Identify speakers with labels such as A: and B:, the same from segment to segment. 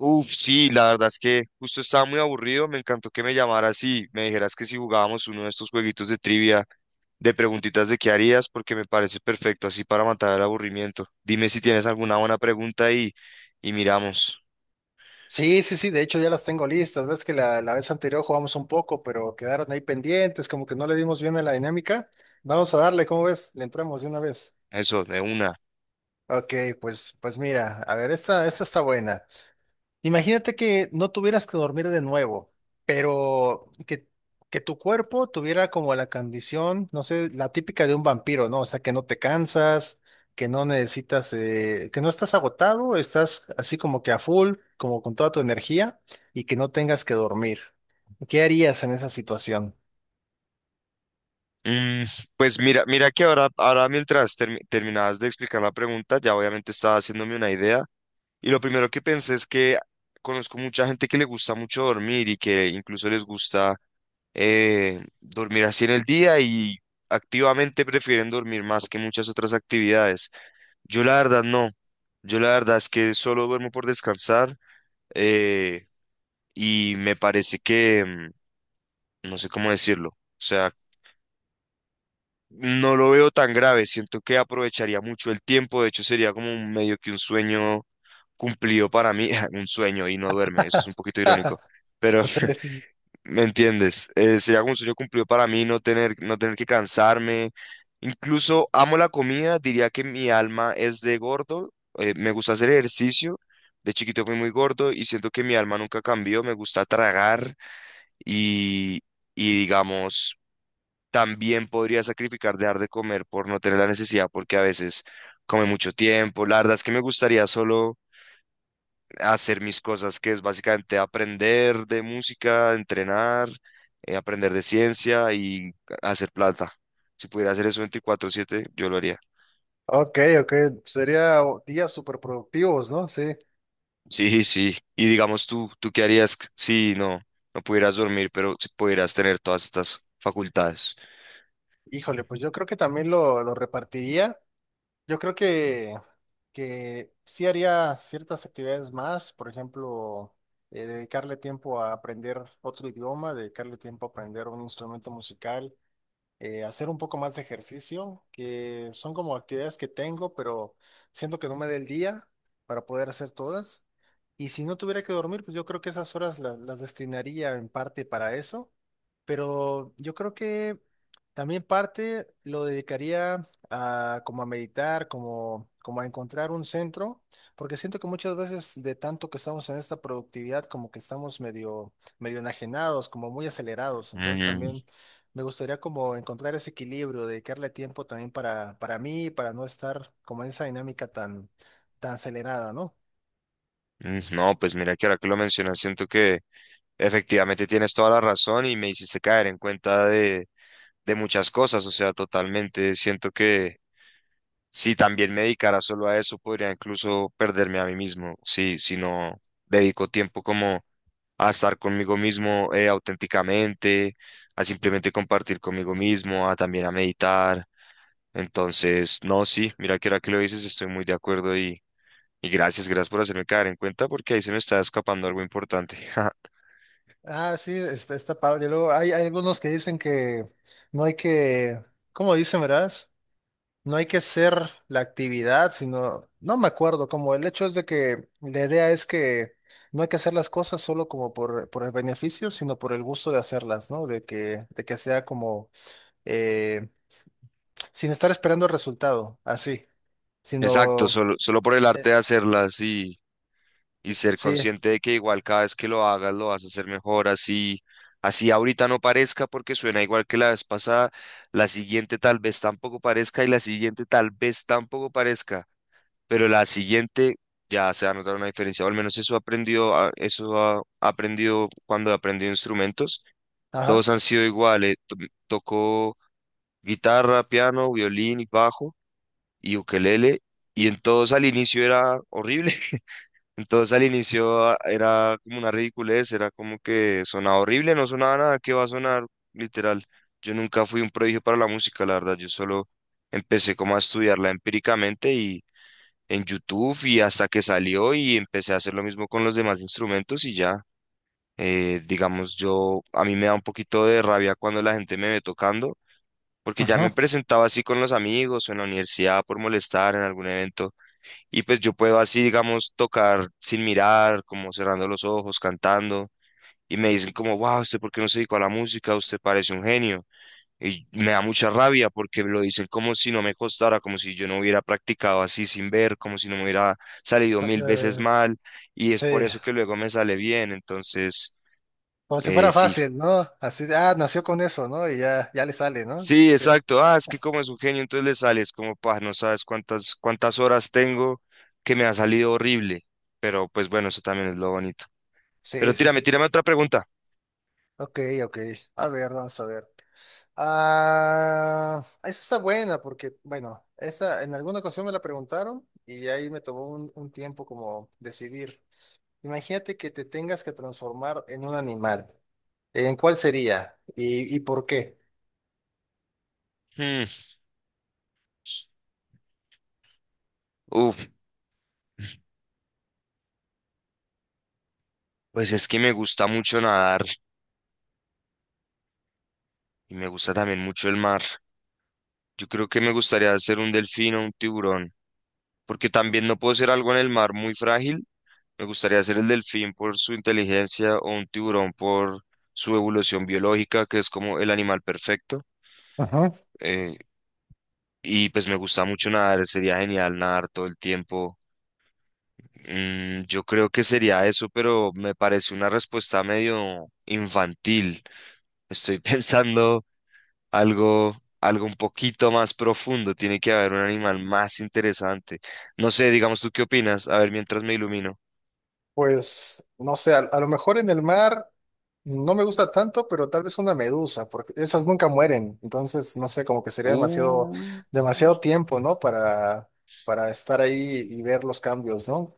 A: Uf, sí, la verdad es que justo estaba muy aburrido. Me encantó que me llamaras y me dijeras que si jugábamos uno de estos jueguitos de trivia, de preguntitas de qué harías, porque me parece perfecto así para matar el aburrimiento. Dime si tienes alguna buena pregunta y miramos.
B: Sí, sí, sí, de hecho ya las tengo listas. Ves que la vez anterior jugamos un poco, pero quedaron ahí pendientes, como que no le dimos bien a la dinámica. Vamos a darle, ¿cómo ves? Le entramos de una vez.
A: Eso, de una.
B: Ok, pues mira, a ver, esta está buena. Imagínate que no tuvieras que dormir de nuevo, pero que tu cuerpo tuviera como la condición, no sé, la típica de un vampiro, ¿no? O sea, que no te cansas, que no necesitas, que no estás agotado, estás así como que a full, como con toda tu energía y que no tengas que dormir. ¿Qué harías en esa situación?
A: Mm, pues mira, mira que ahora mientras terminabas de explicar la pregunta, ya obviamente estaba haciéndome una idea. Y lo primero que pensé es que conozco mucha gente que le gusta mucho dormir y que incluso les gusta dormir así en el día y activamente prefieren dormir más que muchas otras actividades. Yo la verdad no. Yo la verdad es que solo duermo por descansar, eh, y me parece que, no sé cómo decirlo, o sea, no lo veo tan grave. Siento que aprovecharía mucho el tiempo. De hecho, sería como un medio que un sueño cumplido para mí, un sueño y no duerme. Eso es un poquito irónico. Pero
B: O sea, es-
A: ¿me entiendes? Sería como un sueño cumplido para mí no tener, no tener que cansarme. Incluso amo la comida, diría que mi alma es de gordo. Me gusta hacer ejercicio. De chiquito fui muy gordo y siento que mi alma nunca cambió. Me gusta tragar y, y digamos, también podría sacrificar dejar de comer por no tener la necesidad porque a veces come mucho tiempo. La verdad es que me gustaría solo hacer mis cosas, que es básicamente aprender de música, entrenar, aprender de ciencia y hacer plata. Si pudiera hacer eso 24/7 yo lo haría.
B: ok, ok, sería días súper productivos, ¿no? Sí.
A: Sí, sí. Y digamos tú, ¿tú qué harías si no pudieras dormir, pero si pudieras tener todas estas facultades?
B: Híjole, pues yo creo que también lo repartiría. Yo creo que sí haría ciertas actividades más, por ejemplo, dedicarle tiempo a aprender otro idioma, dedicarle tiempo a aprender un instrumento musical, hacer un poco más de ejercicio, que son como actividades que tengo, pero siento que no me dé el día para poder hacer todas. Y si no tuviera que dormir, pues yo creo que esas horas las destinaría en parte para eso, pero yo creo que también parte lo dedicaría a como a meditar, como a encontrar un centro, porque siento que muchas veces de tanto que estamos en esta productividad, como que estamos medio enajenados, como muy acelerados, entonces
A: Mm,
B: también me gustaría como encontrar ese equilibrio, dedicarle tiempo también para mí, para no estar como en esa dinámica tan acelerada, ¿no?
A: No, pues mira que ahora que lo mencionas, siento que efectivamente tienes toda la razón y me hiciste caer en cuenta de muchas cosas, o sea, totalmente. Siento que si también me dedicara solo a eso, podría incluso perderme a mí mismo. Si no dedico tiempo como a estar conmigo mismo, auténticamente, a simplemente compartir conmigo mismo, a también a meditar. Entonces, no, sí, mira que ahora que lo dices, estoy muy de acuerdo y gracias, gracias por hacerme caer en cuenta porque ahí se me está escapando algo importante.
B: Ah, sí, está padre. Luego hay algunos que dicen que no hay ¿cómo dicen, verdad? No hay que ser la actividad, sino, no me acuerdo, como el hecho es de que la idea es que no hay que hacer las cosas solo como por el beneficio, sino por el gusto de hacerlas, ¿no? De de que sea como, eh, sin estar esperando el resultado, así.
A: Exacto,
B: Sino,
A: solo, solo por el arte
B: eh,
A: de hacerlas y ser
B: sí,
A: consciente de que igual cada vez que lo hagas lo vas a hacer mejor, así, así ahorita no parezca porque suena igual que la vez pasada, la siguiente tal vez tampoco parezca y la siguiente tal vez tampoco parezca, pero la siguiente ya se va a notar una diferencia, o al menos eso aprendió, eso ha aprendido cuando aprendió instrumentos,
B: ajá,
A: todos han sido iguales, tocó guitarra, piano, violín y bajo y ukelele. Y en todos al inicio era horrible, entonces al inicio era como una ridiculez, era como que sonaba horrible, no sonaba nada, que va a sonar? Literal. Yo nunca fui un prodigio para la música, la verdad. Yo solo empecé como a estudiarla empíricamente y en YouTube y hasta que salió y empecé a hacer lo mismo con los demás instrumentos y ya. Digamos, yo a mí me da un poquito de rabia cuando la gente me ve tocando, porque ya
B: ajá.
A: me presentaba así con los amigos o en la universidad por molestar en algún evento y pues yo puedo así, digamos, tocar sin mirar, como cerrando los ojos, cantando. Y me dicen como, wow, ¿usted por qué no se dedicó a la música? Usted parece un genio. Y me da mucha rabia porque lo dicen como si no me costara, como si yo no hubiera practicado así sin ver, como si no me hubiera salido 1000 veces
B: Entonces,
A: mal. Y es por
B: sí,
A: eso que luego me sale bien. Entonces,
B: como si fuera
A: sí.
B: fácil, ¿no? Así, ah, nació con eso, ¿no? Y ya, ya le sale, ¿no?
A: Sí,
B: Sí,
A: exacto. Ah, es que como es un genio, entonces le sales como, pa, no sabes cuántas, cuántas horas tengo que me ha salido horrible. Pero pues bueno, eso también es lo bonito.
B: sí,
A: Pero
B: sí,
A: tírame,
B: sí.
A: tírame otra pregunta.
B: Ok, ok. A ver, vamos a ver. Ah, esa está buena porque, bueno, esta en alguna ocasión me la preguntaron y ahí me tomó un tiempo como decidir. Imagínate que te tengas que transformar en un animal. ¿En cuál sería? Y por qué?
A: Hmm, Uf, pues es que me gusta mucho nadar y me gusta también mucho el mar. Yo creo que me gustaría ser un delfín o un tiburón, porque también no puedo ser algo en el mar muy frágil. Me gustaría ser el delfín por su inteligencia o un tiburón por su evolución biológica, que es como el animal perfecto. Eh, y pues me gusta mucho nadar, sería genial nadar todo el tiempo. Yo creo que sería eso, pero me parece una respuesta medio infantil. Estoy pensando... algo, algo un poquito más profundo, tiene que haber un animal más interesante. No sé, digamos tú qué opinas, a ver mientras me ilumino.
B: Pues no sé, a lo mejor en el mar no me gusta tanto, pero tal vez una medusa, porque esas nunca mueren. Entonces, no sé, como que sería demasiado,
A: Uh,
B: demasiado tiempo, ¿no? Para estar ahí y ver los cambios, ¿no?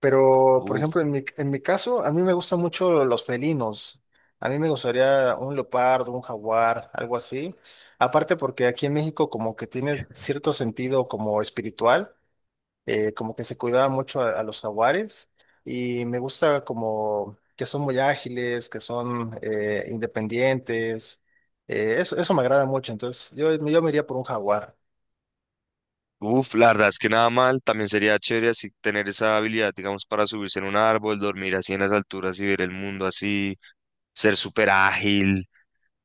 B: Pero, por
A: uf,
B: ejemplo, en en mi caso, a mí me gustan mucho los felinos. A mí me gustaría un leopardo, un jaguar, algo así. Aparte porque aquí en México como que tiene cierto sentido como espiritual, como que se cuidaba mucho a los jaguares y me gusta como que son muy ágiles, que son independientes, eso me agrada mucho, entonces yo me iría por un jaguar.
A: la verdad es que nada mal, también sería chévere así tener esa habilidad, digamos, para subirse en un árbol, dormir así en las alturas y ver el mundo así, ser súper ágil.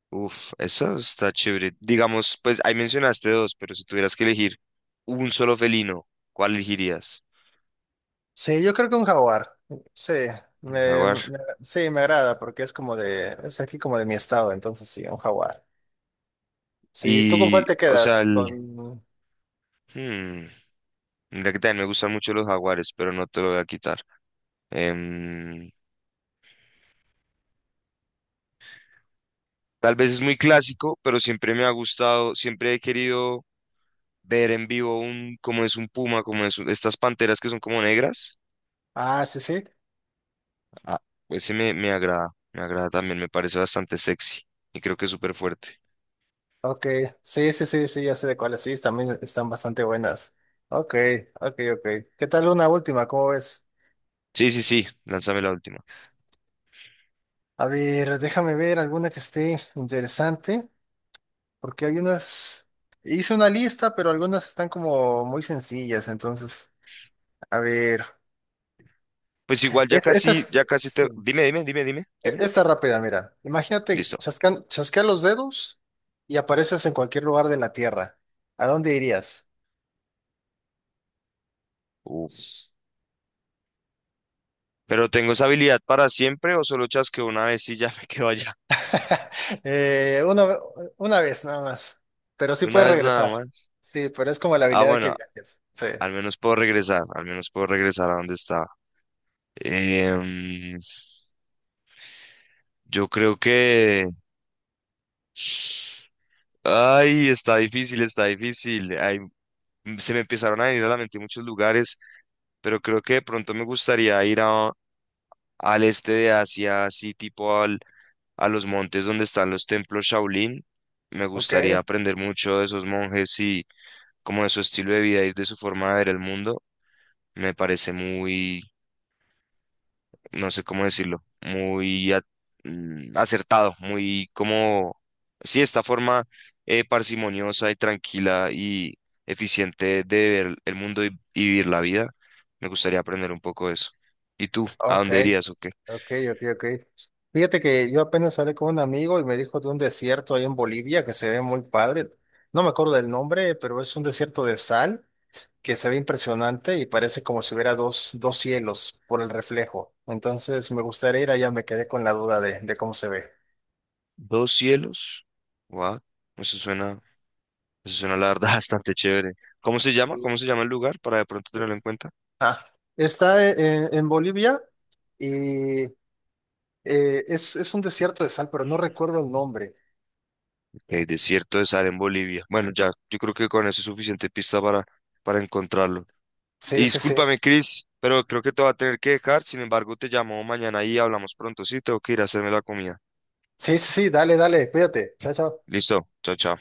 A: Uf, eso está chévere. Digamos, pues ahí mencionaste dos, pero si tuvieras que elegir un solo felino, ¿cuál elegirías?
B: Sí, yo creo que un jaguar, sí,
A: Un
B: me,
A: jaguar.
B: me- sí, me agrada porque es como de, es aquí como de mi estado, entonces sí, un jaguar. Sí, ¿tú con
A: Y,
B: cuál te
A: o sea,
B: quedas?
A: el,
B: Con...
A: Hmm, mira que también me gustan mucho los jaguares, pero no te lo voy a quitar. Em, Tal vez es muy clásico, pero siempre me ha gustado, siempre he querido ver en vivo un, cómo es un puma, como es estas panteras que son como negras.
B: Ah, sí, sí.
A: Ah, ese me, me agrada también, me parece bastante sexy y creo que es súper fuerte.
B: Ok, sí, sí, sí, sí, ya sé de cuáles, sí, también están bastante buenas. Ok, ok, ok. ¿Qué tal una última? ¿Cómo ves?
A: Sí, sí, sí, lánzame la última.
B: A ver, déjame ver alguna que esté interesante, porque hay unas... Hice una lista, pero algunas están como muy sencillas, entonces, a ver.
A: Pues igual
B: Esta es...
A: ya casi te...
B: sí,
A: Dime, dime, dime, dime,
B: e-
A: dime.
B: esta rápida, mira. Imagínate,
A: Listo.
B: chascan, chasquear los dedos y apareces en cualquier lugar de la Tierra. ¿A dónde irías?
A: Uf. ¿Pero tengo esa habilidad para siempre o solo chasqueo una vez y ya me quedo allá?
B: Eh, una, una vez nada más, pero sí
A: Una
B: puedes
A: vez nada
B: regresar.
A: más.
B: Sí, pero es como la
A: Ah,
B: habilidad de que
A: bueno,
B: viajes. Sí.
A: al menos puedo regresar, al menos puedo regresar a donde estaba. Em, yo creo que... Ay, está difícil, está difícil. Ay, se me empezaron a venir a la mente muchos lugares, pero creo que de pronto me gustaría al este de Asia, así tipo al, a los montes donde están los templos Shaolin. Me
B: Ok,
A: gustaría aprender mucho de esos monjes y como de su estilo de vida y de su forma de ver el mundo. Me parece muy no sé cómo decirlo, muy acertado, muy como, sí, esta forma parsimoniosa y tranquila y eficiente de ver el mundo y vivir la vida. Me gustaría aprender un poco de eso. ¿Y tú? ¿A
B: ok,
A: dónde irías o qué?
B: ok, ok, ok. Fíjate que yo apenas hablé con un amigo y me dijo de un desierto ahí en Bolivia que se ve muy padre. No me acuerdo del nombre, pero es un desierto de sal que se ve impresionante y parece como si hubiera dos, dos cielos por el reflejo. Entonces me gustaría ir allá, me quedé con la duda de cómo se ve.
A: Dos cielos. Wow, eso suena, eso suena la verdad bastante chévere. ¿Cómo se llama?
B: Sí.
A: ¿Cómo se llama el lugar para de pronto tenerlo en cuenta?
B: Ah, está en Bolivia y es un desierto de sal, pero no recuerdo el nombre.
A: El desierto de Sahara en Bolivia. Bueno, ya, yo creo que con eso es suficiente pista para encontrarlo. Y
B: Sí, sí, sí.
A: discúlpame, Chris, pero creo que te voy a tener que dejar. Sin embargo, te llamo mañana y hablamos pronto. Sí, tengo que ir a hacerme la comida.
B: Sí, sí, sí, dale, dale, cuídate. Chao, chao.
A: Listo, chao, chao.